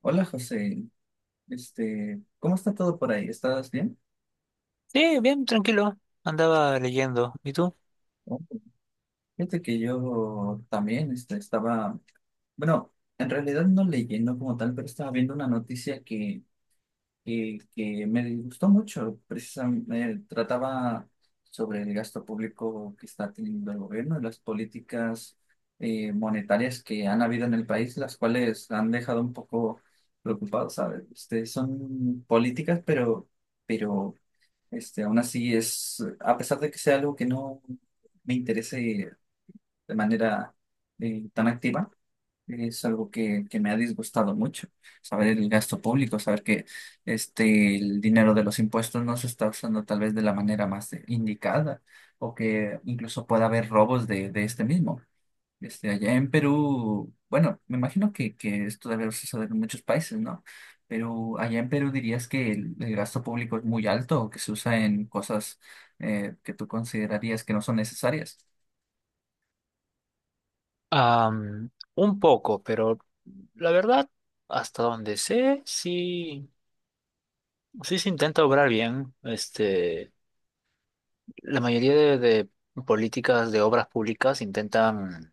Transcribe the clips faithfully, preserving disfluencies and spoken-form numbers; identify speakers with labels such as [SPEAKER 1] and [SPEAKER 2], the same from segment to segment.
[SPEAKER 1] Hola José, este, ¿cómo está todo por ahí? ¿Estás bien?
[SPEAKER 2] Sí, bien, tranquilo. Andaba leyendo. ¿Y tú?
[SPEAKER 1] Oh, fíjate que yo también este, estaba, bueno, en realidad no leyendo como tal, pero estaba viendo una noticia que, que, que me gustó mucho. Precisamente trataba sobre el gasto público que está teniendo el gobierno y las políticas eh, monetarias que han habido en el país, las cuales han dejado un poco preocupados, ¿sabes? Este, son políticas, pero... pero Este, aún así es, a pesar de que sea algo que no me interese de manera eh, tan activa, es algo que, que me ha disgustado mucho, saber el gasto público, saber que este, el dinero de los impuestos no se está usando tal vez de la manera más indicada o que incluso pueda haber robos de, de este mismo. Este, allá en Perú, bueno, me imagino que, que esto debe suceder en muchos países, ¿no? Pero allá en Perú dirías que el, el gasto público es muy alto o que se usa en cosas eh, que tú considerarías que no son necesarias.
[SPEAKER 2] Am, un poco, pero la verdad, hasta donde sé, sí, sí se intenta obrar bien. Este, la mayoría de, de políticas de obras públicas intentan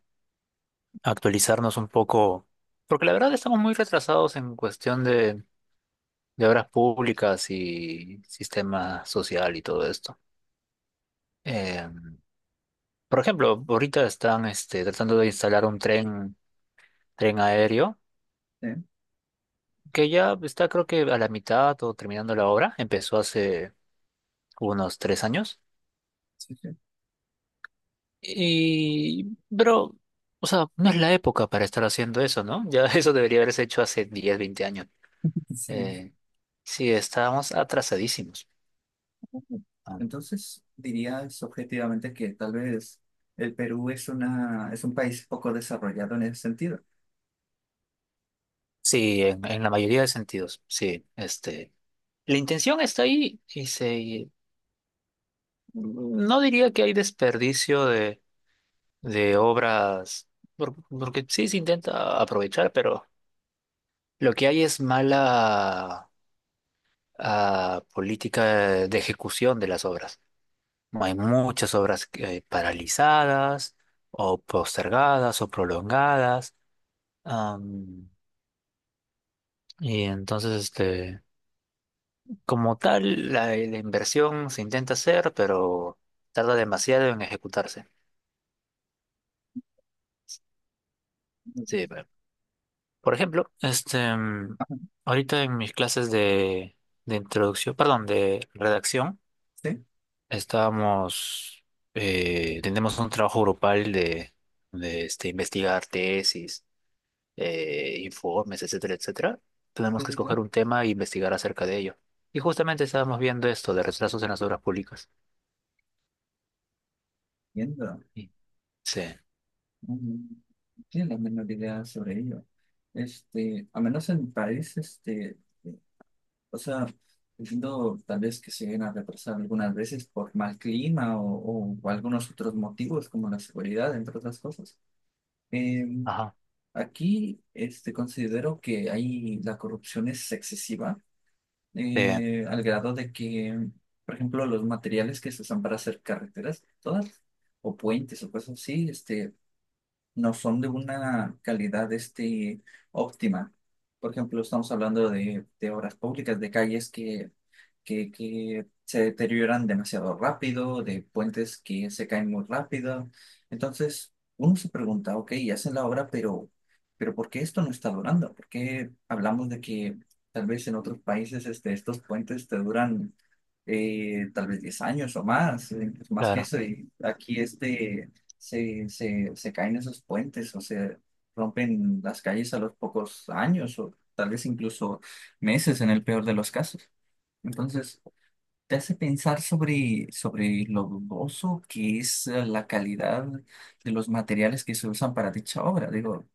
[SPEAKER 2] actualizarnos un poco, porque la verdad estamos muy retrasados en cuestión de, de obras públicas y sistema social y todo esto. Em, por ejemplo, ahorita están este, tratando de instalar un tren, tren aéreo
[SPEAKER 1] Sí,
[SPEAKER 2] que ya está creo que a la mitad o terminando la obra, empezó hace unos tres años.
[SPEAKER 1] sí, sí.
[SPEAKER 2] Y, pero, o sea, no es la época para estar haciendo eso, ¿no? Ya eso debería haberse hecho hace diez veinte años.
[SPEAKER 1] Sí.
[SPEAKER 2] Eh, sí, estábamos atrasadísimos. Ah,
[SPEAKER 1] Entonces, dirías objetivamente que tal vez el Perú es una, es un país poco desarrollado en ese sentido.
[SPEAKER 2] Sí, en, en la mayoría de sentidos, sí. Este, la intención está ahí y se, no diría que hay desperdicio de, de obras, por- porque sí se intenta aprovechar, pero... Lo que hay es mala ah, política de ejecución de las obras. No hay muchas obras que- paralizadas o postergadas o prolongadas. am, y entonces, este, como tal, la, la inversión se intenta hacer, pero tarda demasiado en ejecutarse. Sí, pero- por ejemplo, este, mm,
[SPEAKER 1] Ajá.
[SPEAKER 2] ahorita en mis clases de, de introducción, perdón, de redacción,
[SPEAKER 1] Sí,
[SPEAKER 2] Estábamos, eh, tenemos un trabajo grupal de, de, este, investigar tesis, eh, informes, etcétera, etcétera. Tenemos
[SPEAKER 1] sí,
[SPEAKER 2] que
[SPEAKER 1] sí, sí.
[SPEAKER 2] escoger un tema e investigar acerca de ello. Y justamente estábamos viendo esto de retrasos en las obras públicas.
[SPEAKER 1] Entiendo.
[SPEAKER 2] Sí, sí,
[SPEAKER 1] Mm, No tiene la menor idea sobre ello. Este, a menos en mi país, este, eh, o sea, entiendo tal vez que se lleguen a retrasar algunas veces por mal clima o, o algunos otros motivos como la seguridad, entre otras cosas. Em,
[SPEAKER 2] ajá,
[SPEAKER 1] Aquí, este, considero que ahí la corrupción es excesiva,
[SPEAKER 2] sí,
[SPEAKER 1] eh, al grado de que, por ejemplo, los materiales que se usan para hacer carreteras, todas, o puentes o cosas así, este no son de una calidad este, óptima. Por ejemplo, estamos hablando de, de obras públicas, de calles que, que, que se deterioran demasiado rápido, de puentes que se caen muy rápido. Entonces, uno se pregunta, ok, hacen la obra, pero, pero ¿por qué esto no está durando? ¿Por qué hablamos de que tal vez en otros países este, estos puentes te duran? Eh, tal vez diez años o más, eh, incluso más que
[SPEAKER 2] claro.
[SPEAKER 1] eso, y aquí este, se, se, se caen esos puentes o se rompen las calles a los pocos años o tal vez incluso meses en el peor de los casos. Entonces, te hace pensar sobre, sobre lo dudoso que es eh, la calidad de los materiales que se usan para dicha obra. Digo,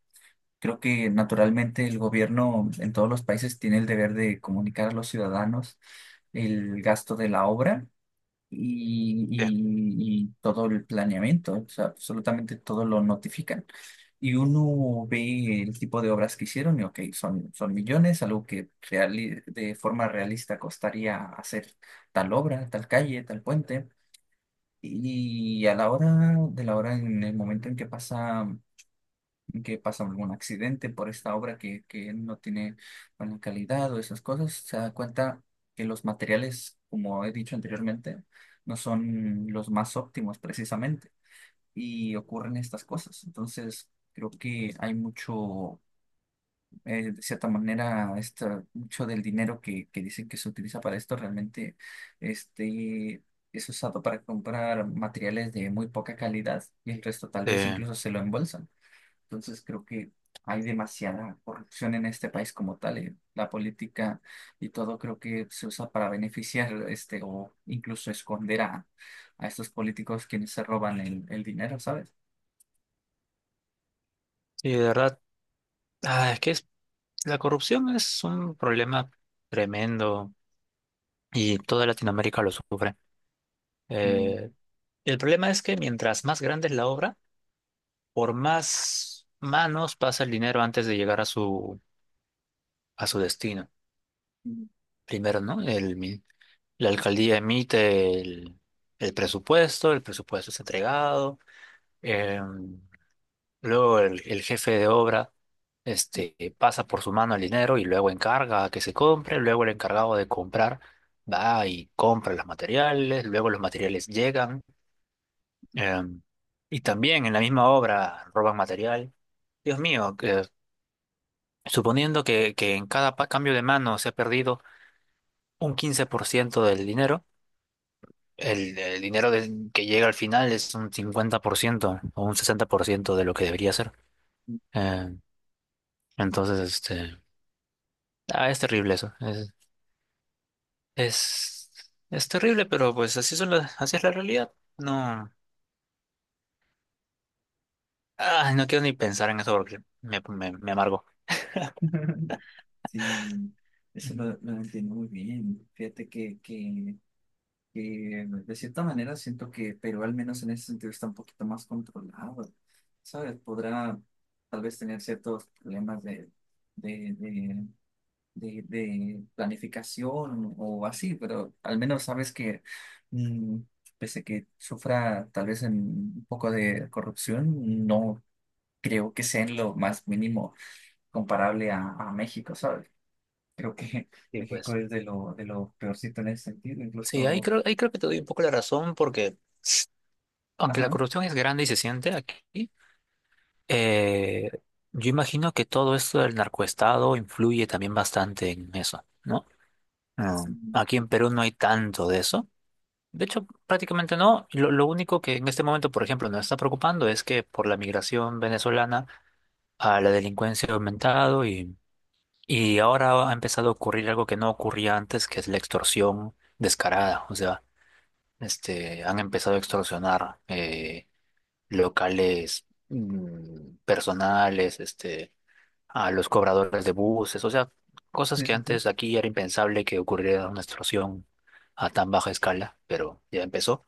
[SPEAKER 1] creo que naturalmente el gobierno en todos los países tiene el deber de comunicar a los ciudadanos el gasto de la obra y,
[SPEAKER 2] Sí,
[SPEAKER 1] y- y todo el planeamiento, o sea, absolutamente todo lo notifican. Y uno ve el tipo de obras que hicieron y, ok, son, son millones, algo que reali- de forma realista costaría hacer tal obra, tal calle, tal puente. Y a la hora de la hora, en el momento en que pasa que pasa algún accidente por esta obra que, que no tiene buena calidad o esas cosas, se da cuenta que los materiales, como he dicho anteriormente, no son los más óptimos precisamente y ocurren estas cosas. Entonces, creo que hay mucho, eh, de cierta manera, esta- mucho del dinero que, que dicen que se utiliza para esto realmente este, es usado para comprar materiales de muy poca calidad y el resto tal
[SPEAKER 2] sí.
[SPEAKER 1] vez incluso se lo embolsan. Entonces creo que hay demasiada corrupción en este país como tal. eh. La política y todo creo que se usa para beneficiar este o incluso esconder a, a estos políticos quienes se roban el, el dinero, ¿sabes?
[SPEAKER 2] Y de verdad, ah, es que es- la corrupción es un problema tremendo y toda Latinoamérica lo sufre.
[SPEAKER 1] Sí,
[SPEAKER 2] Eh, el problema es que mientras más grande es la obra, por más manos pasa el dinero antes de llegar a su, a su destino.
[SPEAKER 1] sí,
[SPEAKER 2] Primero, ¿no? El, mi- la alcaldía emite el, el presupuesto, el presupuesto es entregado, eh, luego el, el jefe de obra este, pasa por su mano el dinero y luego encarga a que se compre, luego el encargado de comprar va y compra los materiales, luego los materiales llegan, eh, y también en la misma obra roban material. Dios mío, eh, suponiendo que, que en cada pa- cambio de mano se ha perdido un quince por ciento del dinero, el, el dinero del- que llega al final es un cincuenta por ciento o un sesenta por ciento de lo que debería ser.
[SPEAKER 1] sí.
[SPEAKER 2] Eh, entonces, este, ah, es terrible eso. Es, es, es terrible, pero pues así son las, así es la realidad. No, ah, no quiero ni pensar en eso porque me, me, me amargo.
[SPEAKER 1] Sí, eso
[SPEAKER 2] Mm.
[SPEAKER 1] lo, lo entiendo muy bien. Fíjate que, que, que de cierta manera siento que Perú al menos en ese sentido está un poquito más controlado, ¿sabes? Podrá tal vez tener ciertos problemas de, de, de de, de planificación o así, pero al menos sabes que, mm, pese a que sufra tal vez en un poco de corrupción, no creo que sea en lo más mínimo comparable a, a México, ¿sabes? Creo que
[SPEAKER 2] Y
[SPEAKER 1] México
[SPEAKER 2] pues,
[SPEAKER 1] es de lo, de lo peorcito en ese sentido,
[SPEAKER 2] sí, ahí
[SPEAKER 1] incluso,
[SPEAKER 2] creo, ahí creo que te doy un poco la razón porque aunque la
[SPEAKER 1] ajá,
[SPEAKER 2] corrupción es grande y se siente aquí, Eh, yo imagino que todo esto del narcoestado influye también bastante en eso, ¿no? Mm,
[SPEAKER 1] sí,
[SPEAKER 2] Aquí en Perú no hay tanto de eso. De hecho, prácticamente no. Lo, lo único que en este momento, por ejemplo, nos está preocupando es que por la migración venezolana a la delincuencia ha aumentado y, y ahora ha empezado a ocurrir algo que no ocurría antes, que es la extorsión descarada. O sea, este, han empezado a extorsionar eh, locales mm, personales, este a los cobradores de buses, o sea, cosas
[SPEAKER 1] sí,
[SPEAKER 2] que
[SPEAKER 1] sí, sí.
[SPEAKER 2] antes aquí era impensable que ocurriera una extorsión a tan baja escala, pero ya empezó.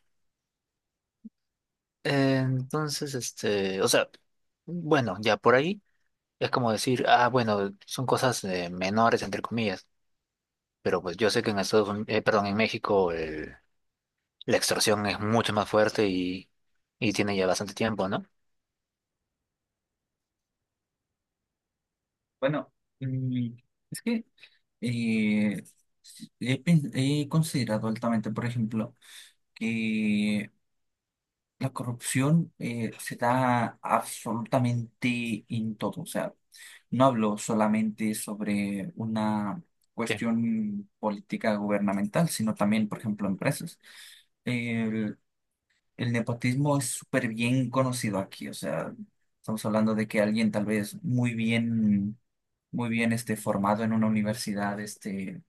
[SPEAKER 2] Eh, Entonces, este, o sea, bueno, ya por ahí es como decir, ah, bueno, son cosas eh, menores, entre comillas, pero pues yo sé que en Estados Unidos, perdón, en México el- la extorsión es mucho más fuerte y, y tiene ya bastante tiempo, ¿no?
[SPEAKER 1] Bueno, mm, es que eh, he, pen- he considerado altamente, por ejemplo, que la corrupción eh, se da absolutamente en todo. O sea, no hablo solamente sobre una
[SPEAKER 2] Sí,
[SPEAKER 1] cuestión política gubernamental, sino también, por ejemplo, empresas. El, el nepotismo es súper bien conocido aquí. O sea, estamos hablando de que alguien tal vez muy bien, muy bien este, formado en una universidad, este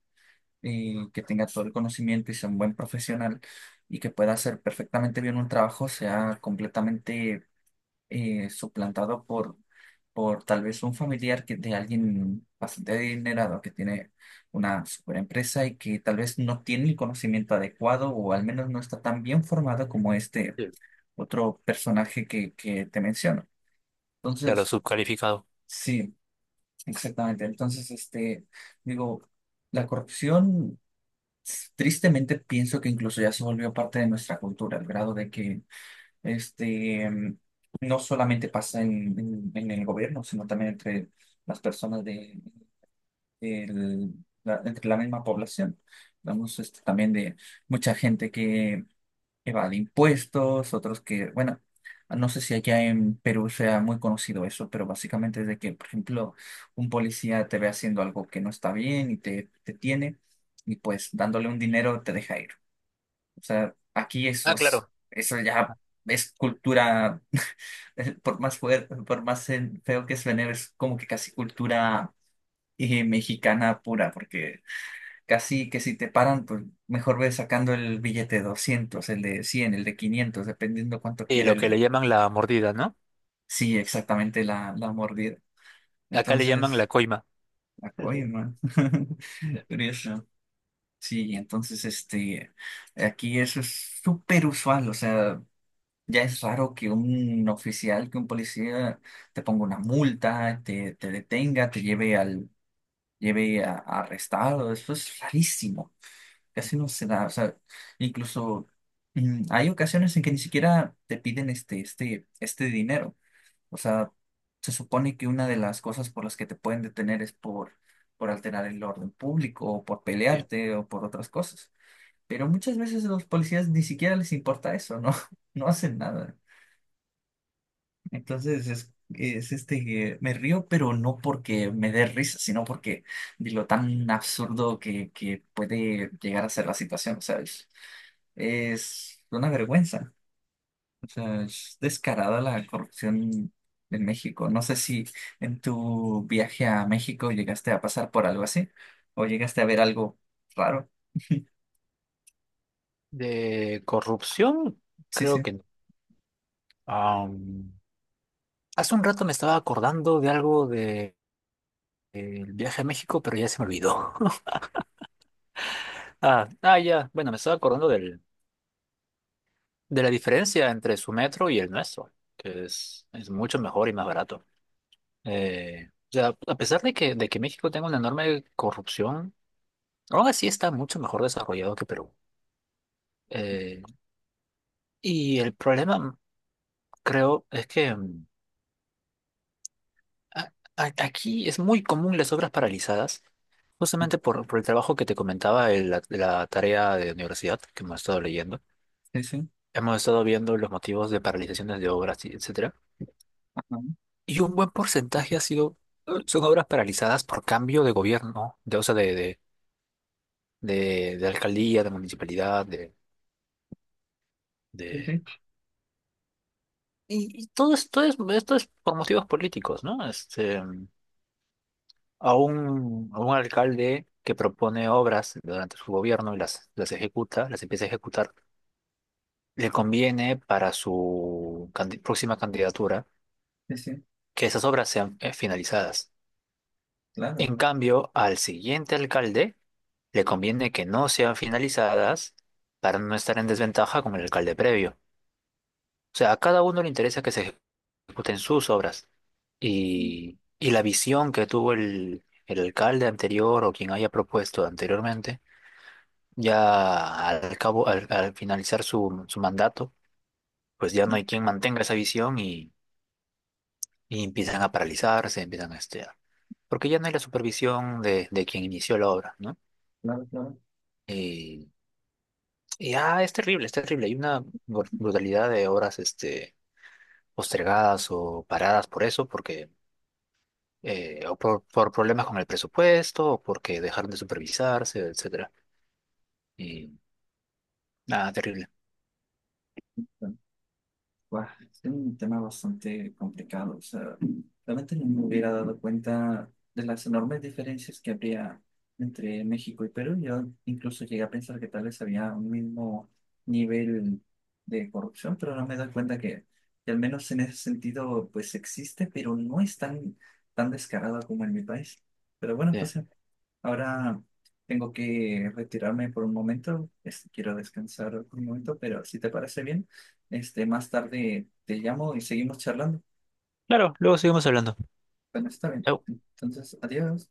[SPEAKER 1] y que tenga todo el conocimiento y sea un buen profesional y que pueda hacer perfectamente bien un trabajo, sea completamente eh, suplantado por, por tal vez un familiar que de alguien bastante adinerado que tiene una super empresa y que tal vez no tiene el conocimiento adecuado o al menos no está tan bien formado como este
[SPEAKER 2] sí.
[SPEAKER 1] otro personaje que, que te menciono.
[SPEAKER 2] Claro,
[SPEAKER 1] Entonces,
[SPEAKER 2] subcalificado.
[SPEAKER 1] sí, exactamente. Entonces, este, digo, la corrupción. Tristemente pienso que incluso ya se volvió parte de nuestra cultura, al grado de que este, mm, no solamente pasa en, en- en el gobierno, sino también entre las personas de, del- la, entre la misma población. Vamos este, también de mucha gente que evade impuestos, otros que, bueno, no sé si allá en Perú sea muy conocido eso, pero básicamente es de que, por ejemplo, un policía te ve haciendo algo que no está bien y te, te tiene, y pues dándole un dinero te deja ir. O sea, aquí eso
[SPEAKER 2] Ah,
[SPEAKER 1] es,
[SPEAKER 2] claro.
[SPEAKER 1] eso ya es cultura, por más fuerte, por más en- feo que suene, es como que casi cultura eh, mexicana pura, porque casi que si te paran, pues mejor ves sacando el billete de doscientos el de cien el de quinientos dependiendo cuánto
[SPEAKER 2] Y
[SPEAKER 1] quiere
[SPEAKER 2] lo que
[SPEAKER 1] el,
[SPEAKER 2] le llaman la mordida, ¿no?
[SPEAKER 1] sí, exactamente la, la mordida.
[SPEAKER 2] Acá le llaman la
[SPEAKER 1] Entonces,
[SPEAKER 2] coima.
[SPEAKER 1] la coima, curioso. Sí, entonces, este, aquí eso es súper usual, o sea. Ya es raro que un oficial, que un policía te ponga una multa, te, te detenga, te lleve al, lleve a, a arrestado. Eso es rarísimo. Casi no se da. O sea, incluso mm, hay ocasiones en que ni siquiera te piden este, este, este dinero. O sea, se supone que una de las cosas por las que te pueden detener es por, por alterar el orden público, o por
[SPEAKER 2] Sí.
[SPEAKER 1] pelearte, o por otras cosas. Pero muchas veces a los policías ni siquiera les importa eso, ¿no? No hacen nada. Entonces es, es este que me río, pero no porque me dé risa, sino porque de lo tan absurdo que, que puede llegar a ser la situación. O sea, es, es una vergüenza. O sea, es descarada la corrupción en México. No sé si en tu viaje a México llegaste a pasar por algo así o llegaste a ver algo raro.
[SPEAKER 2] De corrupción,
[SPEAKER 1] Sí,
[SPEAKER 2] creo
[SPEAKER 1] sí,
[SPEAKER 2] que no. Am, hace un rato me estaba acordando de algo de, del viaje a México, pero ya se me olvidó. Ah, ah, ya. Bueno, me estaba acordando del, de la diferencia entre su metro y el nuestro, que es, es mucho mejor y más barato. Eh, o sea, a pesar de que, de que México tenga una enorme corrupción, aún así está mucho mejor desarrollado que Perú. Eh, y el problema, creo, es que mm, a- a- aquí es muy común las obras paralizadas, justamente por, por el trabajo que te comentaba de la, la tarea de universidad que hemos estado leyendo.
[SPEAKER 1] sí, sí,
[SPEAKER 2] Hemos estado viendo los motivos de paralizaciones de obras, y etcétera.
[SPEAKER 1] ajá,
[SPEAKER 2] Y un buen porcentaje ha sido, eh, son obras paralizadas por cambio de gobierno, de, o sea, de, de, de, de alcaldía, de municipalidad, de,
[SPEAKER 1] sí,
[SPEAKER 2] de...
[SPEAKER 1] sí,
[SPEAKER 2] Y, y todo esto es, esto es por motivos políticos, ¿no? Este, a un, a un alcalde que propone obras durante su gobierno y las, las ejecuta, las empieza a ejecutar, le conviene para su candi- próxima candidatura
[SPEAKER 1] sí, sí,
[SPEAKER 2] que esas obras sean eh, finalizadas.
[SPEAKER 1] claro,
[SPEAKER 2] En cambio, al siguiente alcalde le conviene que no sean finalizadas para no estar en desventaja con el alcalde previo. O sea, a cada uno le interesa que se ejecuten sus obras y, y la visión que tuvo el, el alcalde anterior o quien haya propuesto anteriormente ya al cabo, al, al finalizar su, su mandato, pues ya no hay quien mantenga esa visión y, y empiezan a paralizarse, empiezan a este, a- porque ya no hay la supervisión de, de quien inició la obra, ¿no?
[SPEAKER 1] claro, claro.
[SPEAKER 2] Y, y, ah, es terrible, es terrible. Hay una br- brutalidad de obras este, postergadas o paradas por eso, porque eh, o por, por problemas con el presupuesto, o porque dejaron de supervisarse, etcétera. Y nada, terrible.
[SPEAKER 1] Buah, es un tema bastante complicado. O sea, realmente no me hubiera dado cuenta de las enormes diferencias que habría entre México y Perú. Yo incluso llegué a pensar que tal vez había un mismo nivel de corrupción, pero no me doy cuenta que, que al menos en ese sentido, pues existe, pero no es tan, tan descarado como en mi país. Pero bueno,
[SPEAKER 2] Bien.
[SPEAKER 1] pues ahora tengo que retirarme por un momento. Este, quiero descansar por un momento, pero si te parece bien, este, más tarde te llamo y seguimos charlando.
[SPEAKER 2] Claro, luego seguimos hablando.
[SPEAKER 1] Bueno, está bien.
[SPEAKER 2] Chau.
[SPEAKER 1] Entonces, adiós.